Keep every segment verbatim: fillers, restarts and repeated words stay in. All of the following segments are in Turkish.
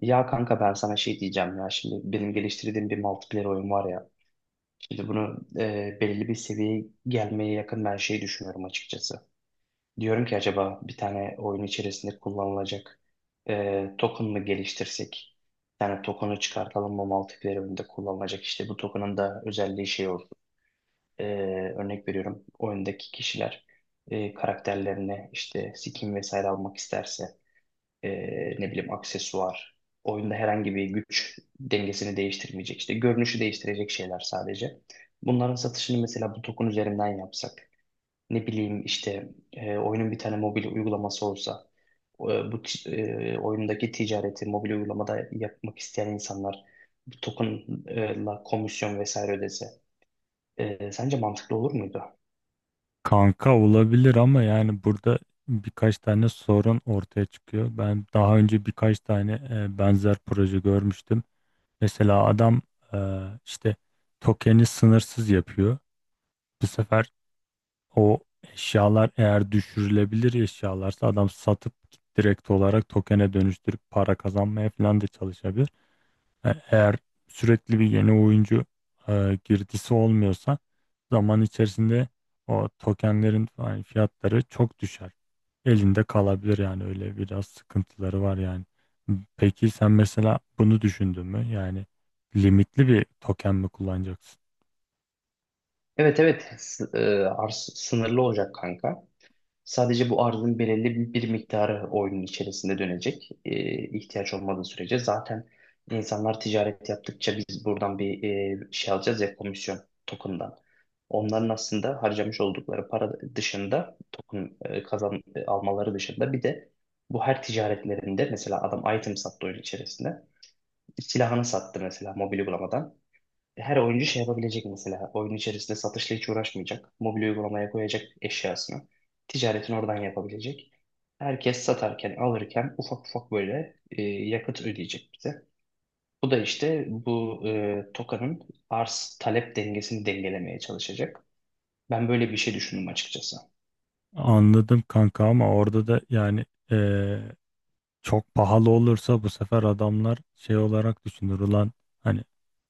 Ya kanka ben sana şey diyeceğim ya, şimdi benim geliştirdiğim bir multiplayer oyun var ya, şimdi bunu e, belirli bir seviyeye gelmeye yakın ben şey düşünüyorum açıkçası. Diyorum ki acaba bir tane oyun içerisinde kullanılacak e, token mı geliştirsek? Bir tane token'ı çıkartalım mı multiplayer oyunda kullanılacak? İşte bu token'ın da özelliği şey olsun. E, Örnek veriyorum, oyundaki kişiler e, karakterlerine işte skin vesaire almak isterse e, ne bileyim aksesuar, oyunda herhangi bir güç dengesini değiştirmeyecek, işte görünüşü değiştirecek şeyler sadece. Bunların satışını mesela bu token üzerinden yapsak, ne bileyim işte e, oyunun bir tane mobil uygulaması olsa, e, bu ti- e, oyundaki ticareti mobil uygulamada yapmak isteyen insanlar bu tokenla komisyon vesaire ödese, e, sence mantıklı olur muydu? Kanka olabilir ama yani burada birkaç tane sorun ortaya çıkıyor. Ben daha önce birkaç tane e, benzer proje görmüştüm. Mesela adam e, işte tokeni sınırsız yapıyor. Bu sefer o eşyalar eğer düşürülebilir eşyalarsa adam satıp direkt olarak tokene dönüştürüp para kazanmaya falan da çalışabilir. E- Eğer sürekli bir yeni oyuncu e, girdisi olmuyorsa zaman içerisinde o tokenlerin falan fiyatları çok düşer. Elinde kalabilir yani öyle biraz sıkıntıları var yani. Peki sen mesela bunu düşündün mü? Yani limitli bir token mi kullanacaksın? Evet evet, S- e, arz sınırlı olacak kanka. Sadece bu arzın belirli bir miktarı oyunun içerisinde dönecek. Ee, ihtiyaç olmadığı sürece zaten insanlar ticaret yaptıkça biz buradan bir e, şey alacağız ya, komisyon token'dan. Onların aslında harcamış oldukları para dışında token e, kazan e, almaları dışında bir de bu her ticaretlerinde, mesela adam item sattı oyun içerisinde. Silahını sattı mesela, mobil uygulamadan her oyuncu şey yapabilecek mesela. Oyun içerisinde satışla hiç uğraşmayacak. Mobil uygulamaya koyacak eşyasını. Ticaretini oradan yapabilecek. Herkes satarken, alırken ufak ufak böyle e, yakıt ödeyecek bize. Bu da işte bu e, TOKA'nın arz talep dengesini dengelemeye çalışacak. Ben böyle bir şey düşündüm açıkçası. Anladım kanka ama orada da yani e, çok pahalı olursa bu sefer adamlar şey olarak düşünür ulan hani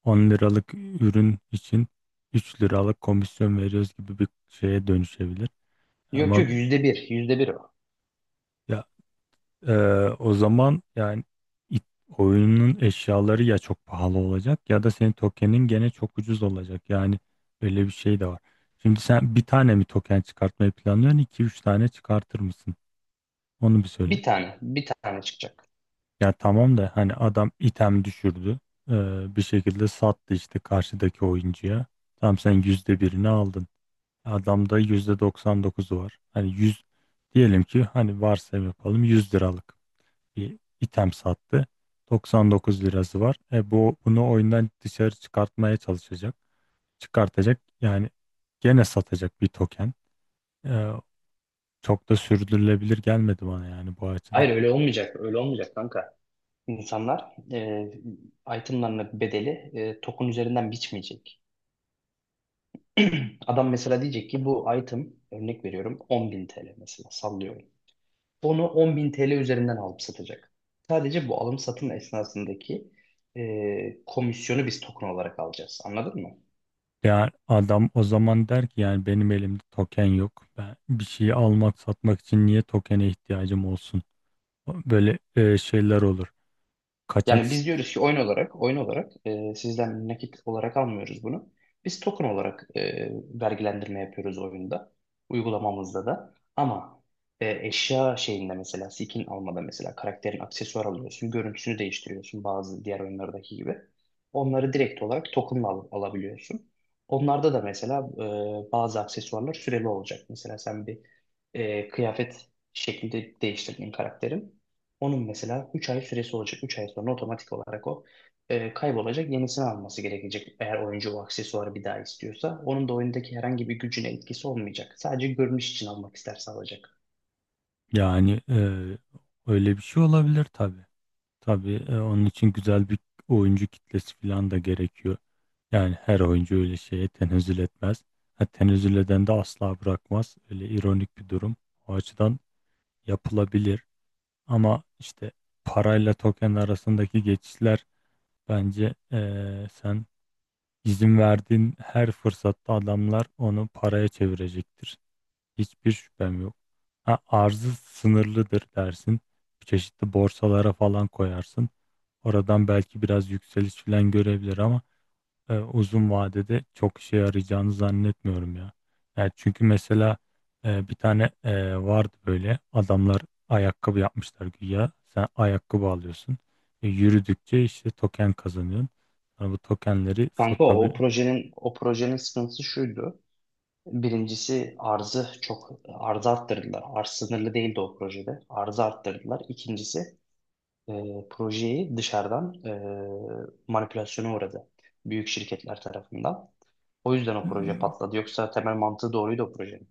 on liralık ürün için üç liralık komisyon veriyoruz gibi bir şeye dönüşebilir. Yok Ama yok, yüzde bir, yüzde bir o. ya e, o zaman yani it- oyunun eşyaları ya çok pahalı olacak ya da senin tokenin gene çok ucuz olacak. Yani öyle bir şey de var. Şimdi sen bir tane mi token çıkartmayı planlıyorsun? İki üç tane çıkartır mısın? Onu bir söyle. Bir tane, bir tane çıkacak. Ya tamam da hani adam item düşürdü. Ee, bir şekilde sattı işte karşıdaki oyuncuya. Tamam sen yüzde birini aldın. Adamda yüzde doksan dokuzu var. Hani yüz diyelim ki hani varsayım yapalım yüz liralık bir item sattı. doksan dokuz lirası var. E bu bunu oyundan dışarı çıkartmaya çalışacak. Çıkartacak yani gene satacak bir token. Ee, Çok da sürdürülebilir gelmedi bana yani bu açıdan. Hayır, öyle olmayacak, öyle olmayacak kanka. İnsanlar e, itemlarının bedeli e, TOK'un üzerinden biçmeyecek. Adam mesela diyecek ki bu item, örnek veriyorum on bin T L mesela, sallıyorum. Onu on bin T L üzerinden alıp satacak. Sadece bu alım satım esnasındaki e, komisyonu biz token olarak alacağız. Anladın mı? Yani adam o zaman der ki yani benim elimde token yok. Ben bir şeyi almak satmak için niye tokene ihtiyacım olsun? Böyle e, şeyler olur. Kaçak Yani sit- biz diyoruz ki oyun olarak, oyun olarak e, sizden nakit olarak almıyoruz bunu. Biz token olarak e, vergilendirme yapıyoruz oyunda, uygulamamızda da. Ama e, eşya şeyinde, mesela skin almada, mesela karakterin aksesuar alıyorsun, görüntüsünü değiştiriyorsun bazı diğer oyunlardaki gibi. Onları direkt olarak tokenla al- alabiliyorsun. Onlarda da mesela e, bazı aksesuarlar süreli olacak. Mesela sen bir e, kıyafet şeklinde değiştirdin karakterin. Onun mesela üç ay süresi olacak. Üç ay sonra otomatik olarak o e, kaybolacak. Yenisini alması gerekecek, eğer oyuncu o aksesuarı bir daha istiyorsa. Onun da oyundaki herhangi bir gücüne etkisi olmayacak. Sadece görünüş için almak isterse alacak. Yani e, öyle bir şey olabilir tabii. Tabii e, onun için güzel bir oyuncu kitlesi falan da gerekiyor. Yani her oyuncu öyle şeye tenezzül etmez. Ha, tenezzül eden de asla bırakmaz. Öyle ironik bir durum. O açıdan yapılabilir. Ama işte parayla token arasındaki geçişler, bence eee, sen izin verdiğin her fırsatta adamlar onu paraya çevirecektir. Hiçbir şüphem yok. Ha, arzı sınırlıdır dersin. Çeşitli borsalara falan koyarsın. Oradan belki biraz yükseliş falan görebilir ama e, uzun vadede çok işe yarayacağını zannetmiyorum ya. Yani çünkü mesela e, bir tane e, vardı böyle, adamlar ayakkabı yapmışlar güya. Sen ayakkabı alıyorsun. E, yürüdükçe işte token kazanıyorsun. Sonra bu tokenleri Kanka o, o satabil projenin o projenin sıkıntısı şuydu. Birincisi, arzı çok, arzı arttırdılar. Arz sınırlı değildi o projede. Arzı arttırdılar. İkincisi, e, projeyi dışarıdan e, manipülasyona uğradı, büyük şirketler tarafından. O yüzden o proje patladı. Yoksa temel mantığı doğruydu o projenin.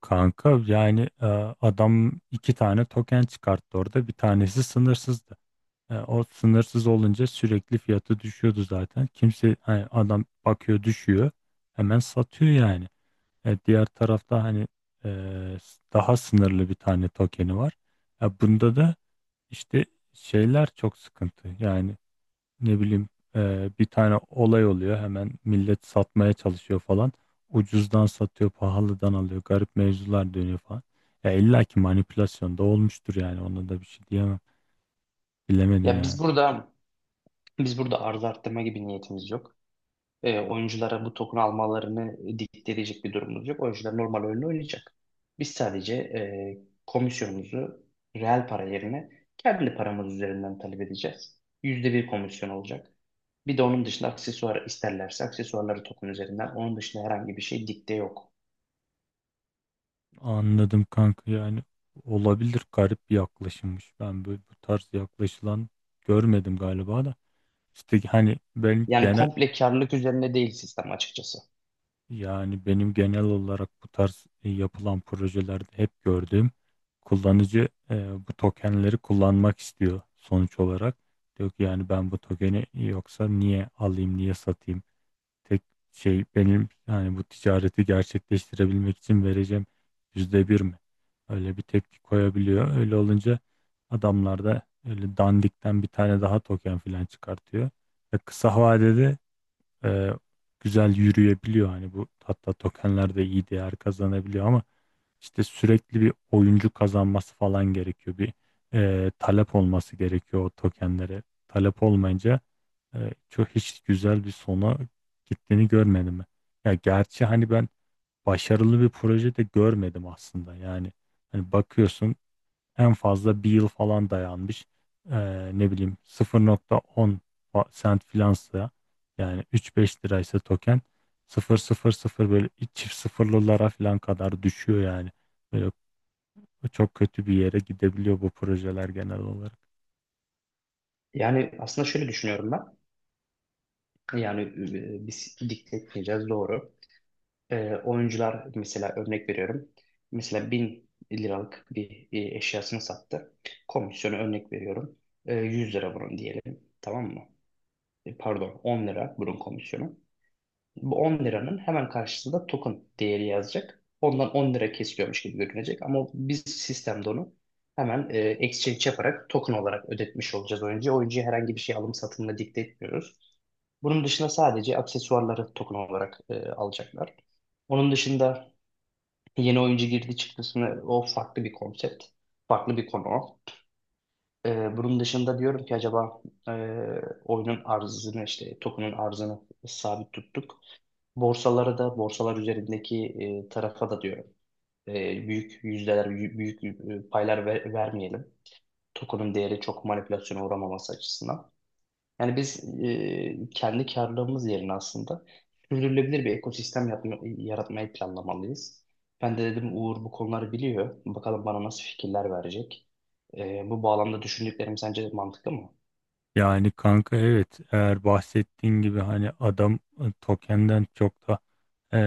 kanka yani e, adam iki tane token çıkarttı orada. Bir tanesi sınırsızdı. E, o sınırsız olunca sürekli fiyatı düşüyordu zaten. Kimse hani adam bakıyor düşüyor. Hemen satıyor yani. E, diğer tarafta hani e, s- daha sınırlı bir tane tokeni var. Ya bunda da işte şeyler çok sıkıntı. Yani ne bileyim, e, bir tane olay oluyor hemen millet satmaya çalışıyor falan. Ucuzdan satıyor, pahalıdan alıyor. Garip mevzular dönüyor falan. Ya illa ki manipülasyon da olmuştur yani, ona da bir şey diyemem. Bilemedim Ya biz yani. burada biz burada arz arttırma gibi niyetimiz yok. E, oyunculara bu token almalarını dikte edecek bir durumumuz yok. Oyuncular normal oyunu oynayacak. Biz sadece e, komisyonumuzu reel para yerine kendi paramız üzerinden talep edeceğiz. Yüzde bir komisyon olacak. Bir de onun dışında, aksesuar isterlerse, aksesuarları token üzerinden. Onun dışında herhangi bir şey dikte yok. Anladım kanka, yani olabilir, garip bir yaklaşımmış. Ben böyle bu tarz yaklaşılan görmedim galiba da. İşte hani benim Yani genel, komple karlılık üzerine değil sistem, açıkçası. yani benim genel olarak bu tarz e, yapılan projelerde hep gördüğüm, kullanıcı e, bu tokenleri kullanmak istiyor sonuç olarak. Diyor ki yani ben bu tokeni yoksa niye alayım, niye satayım? Tek şey benim yani bu ticareti gerçekleştirebilmek için vereceğim yüzde bir mi? Öyle bir tepki koyabiliyor. Öyle olunca adamlar da öyle dandikten bir tane daha token falan çıkartıyor. Ve kısa vadede e, güzel yürüyebiliyor. Hani bu hatta tokenler de iyi değer kazanabiliyor ama işte sürekli bir oyuncu kazanması falan gerekiyor. Bir e, talep olması gerekiyor o tokenlere. Talep olmayınca e, çok, hiç güzel bir sona gittiğini görmedim ben. Ya gerçi hani ben başarılı bir proje de görmedim aslında. Yani hani bakıyorsun, en fazla bir yıl falan dayanmış. Ee, ne bileyim, sıfır nokta on fa- sent filansa, yani üç beş liraysa token sıfır nokta sıfır sıfır böyle çift sıfırlılara falan kadar düşüyor yani. Böyle çok kötü bir yere gidebiliyor bu projeler genel olarak. Yani aslında şöyle düşünüyorum ben. Yani e, biz dikte etmeyeceğiz doğru. E, oyuncular mesela, örnek veriyorum. Mesela bin liralık bir e, eşyasını sattı. Komisyonu örnek veriyorum. E, yüz lira bunun diyelim. Tamam mı? E, pardon, on lira bunun komisyonu. Bu on liranın hemen karşısında token değeri yazacak. Ondan on lira kesiliyormuş gibi görünecek. Ama biz sistemde onu hemen e, exchange yaparak token olarak ödetmiş olacağız oyuncuya. Oyuncuya herhangi bir şey alım satımla dikte etmiyoruz. Bunun dışında sadece aksesuarları token olarak e, alacaklar. Onun dışında yeni oyuncu girdi çıktısını, o farklı bir konsept, farklı bir konu. E, bunun dışında diyorum ki, acaba e, oyunun arzını, işte token'ın arzını sabit tuttuk. Borsalara da, borsalar üzerindeki e, tarafa da diyorum, e, büyük yüzdeler, büyük, büyük, e, paylar ver- vermeyelim. Token'ın değeri çok manipülasyona uğramaması açısından. Yani biz e, kendi karlılığımız yerine aslında sürdürülebilir bir ekosistem yapma- yaratmayı planlamalıyız. Ben de dedim Uğur bu konuları biliyor. Bakalım bana nasıl fikirler verecek. E, bu bağlamda düşündüklerim sence mantıklı mı? Yani kanka evet, eğer bahsettiğin gibi hani adam e, tokenden çok da e,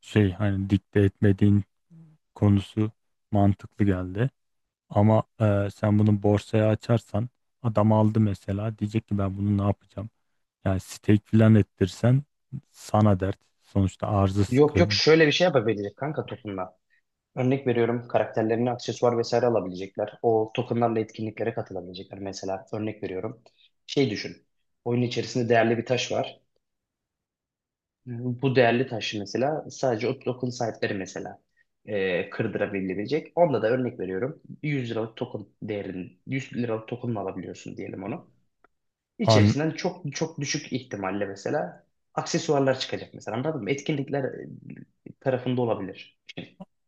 şey, hani dikte etmediğin konusu mantıklı geldi. Ama e, sen bunu borsaya açarsan adam aldı mesela, diyecek ki ben bunu ne yapacağım? Yani stake filan ettirsen sana dert. Sonuçta arzı Yok yok, sıkın. şöyle bir şey yapabilecek kanka tokenla. Örnek veriyorum, karakterlerine aksesuar vesaire alabilecekler. O tokenlarla etkinliklere katılabilecekler. Mesela örnek veriyorum. Şey düşün, oyun içerisinde değerli bir taş var. Bu değerli taşı mesela sadece o token sahipleri mesela e, kırdırabilecek. Onda da örnek veriyorum, yüz liralık token değerin, yüz liralık token'ını alabiliyorsun diyelim onu. An, İçerisinden çok çok düşük ihtimalle mesela aksesuarlar çıkacak mesela, anladın mı? Etkinlikler e, tarafında olabilir.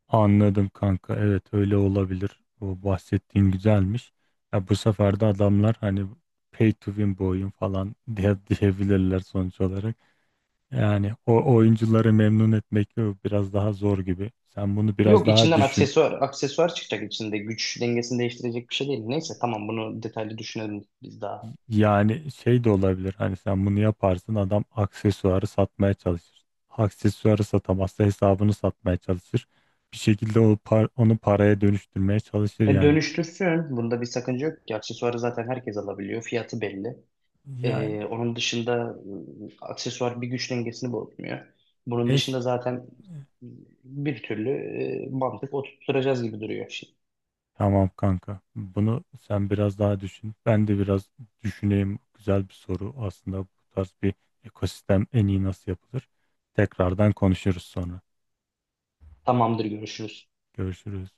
anladım kanka. Evet öyle olabilir. O bahsettiğin güzelmiş. Ya bu sefer de adamlar hani pay to win bu oyun falan diye diyebilirler sonuç olarak. Yani o oyuncuları memnun etmek biraz daha zor gibi. Sen bunu biraz Yok, daha içinden düşün. aksesuar aksesuar çıkacak, içinde güç dengesini değiştirecek bir şey değil. Neyse tamam, bunu detaylı düşünelim biz daha. Yani şey de olabilir hani, sen bunu yaparsın adam aksesuarı satmaya çalışır. Aksesuarı satamazsa hesabını satmaya çalışır. Bir şekilde o par- onu paraya dönüştürmeye çalışır E, yani. Dönüştürsün. Bunda bir sakınca yok ki. Aksesuarı zaten herkes alabiliyor. Fiyatı belli. Yani Ee, onun dışında ıı, aksesuar bir güç dengesini bozmuyor. Bunun neyse, dışında zaten bir türlü e, mantık oturtturacağız gibi duruyor şimdi. tamam kanka, bunu sen biraz daha düşün. Ben de biraz düşüneyim, güzel bir soru aslında bu tarz bir ekosistem en iyi nasıl yapılır. Tekrardan konuşuruz sonra. Tamamdır, görüşürüz. Görüşürüz.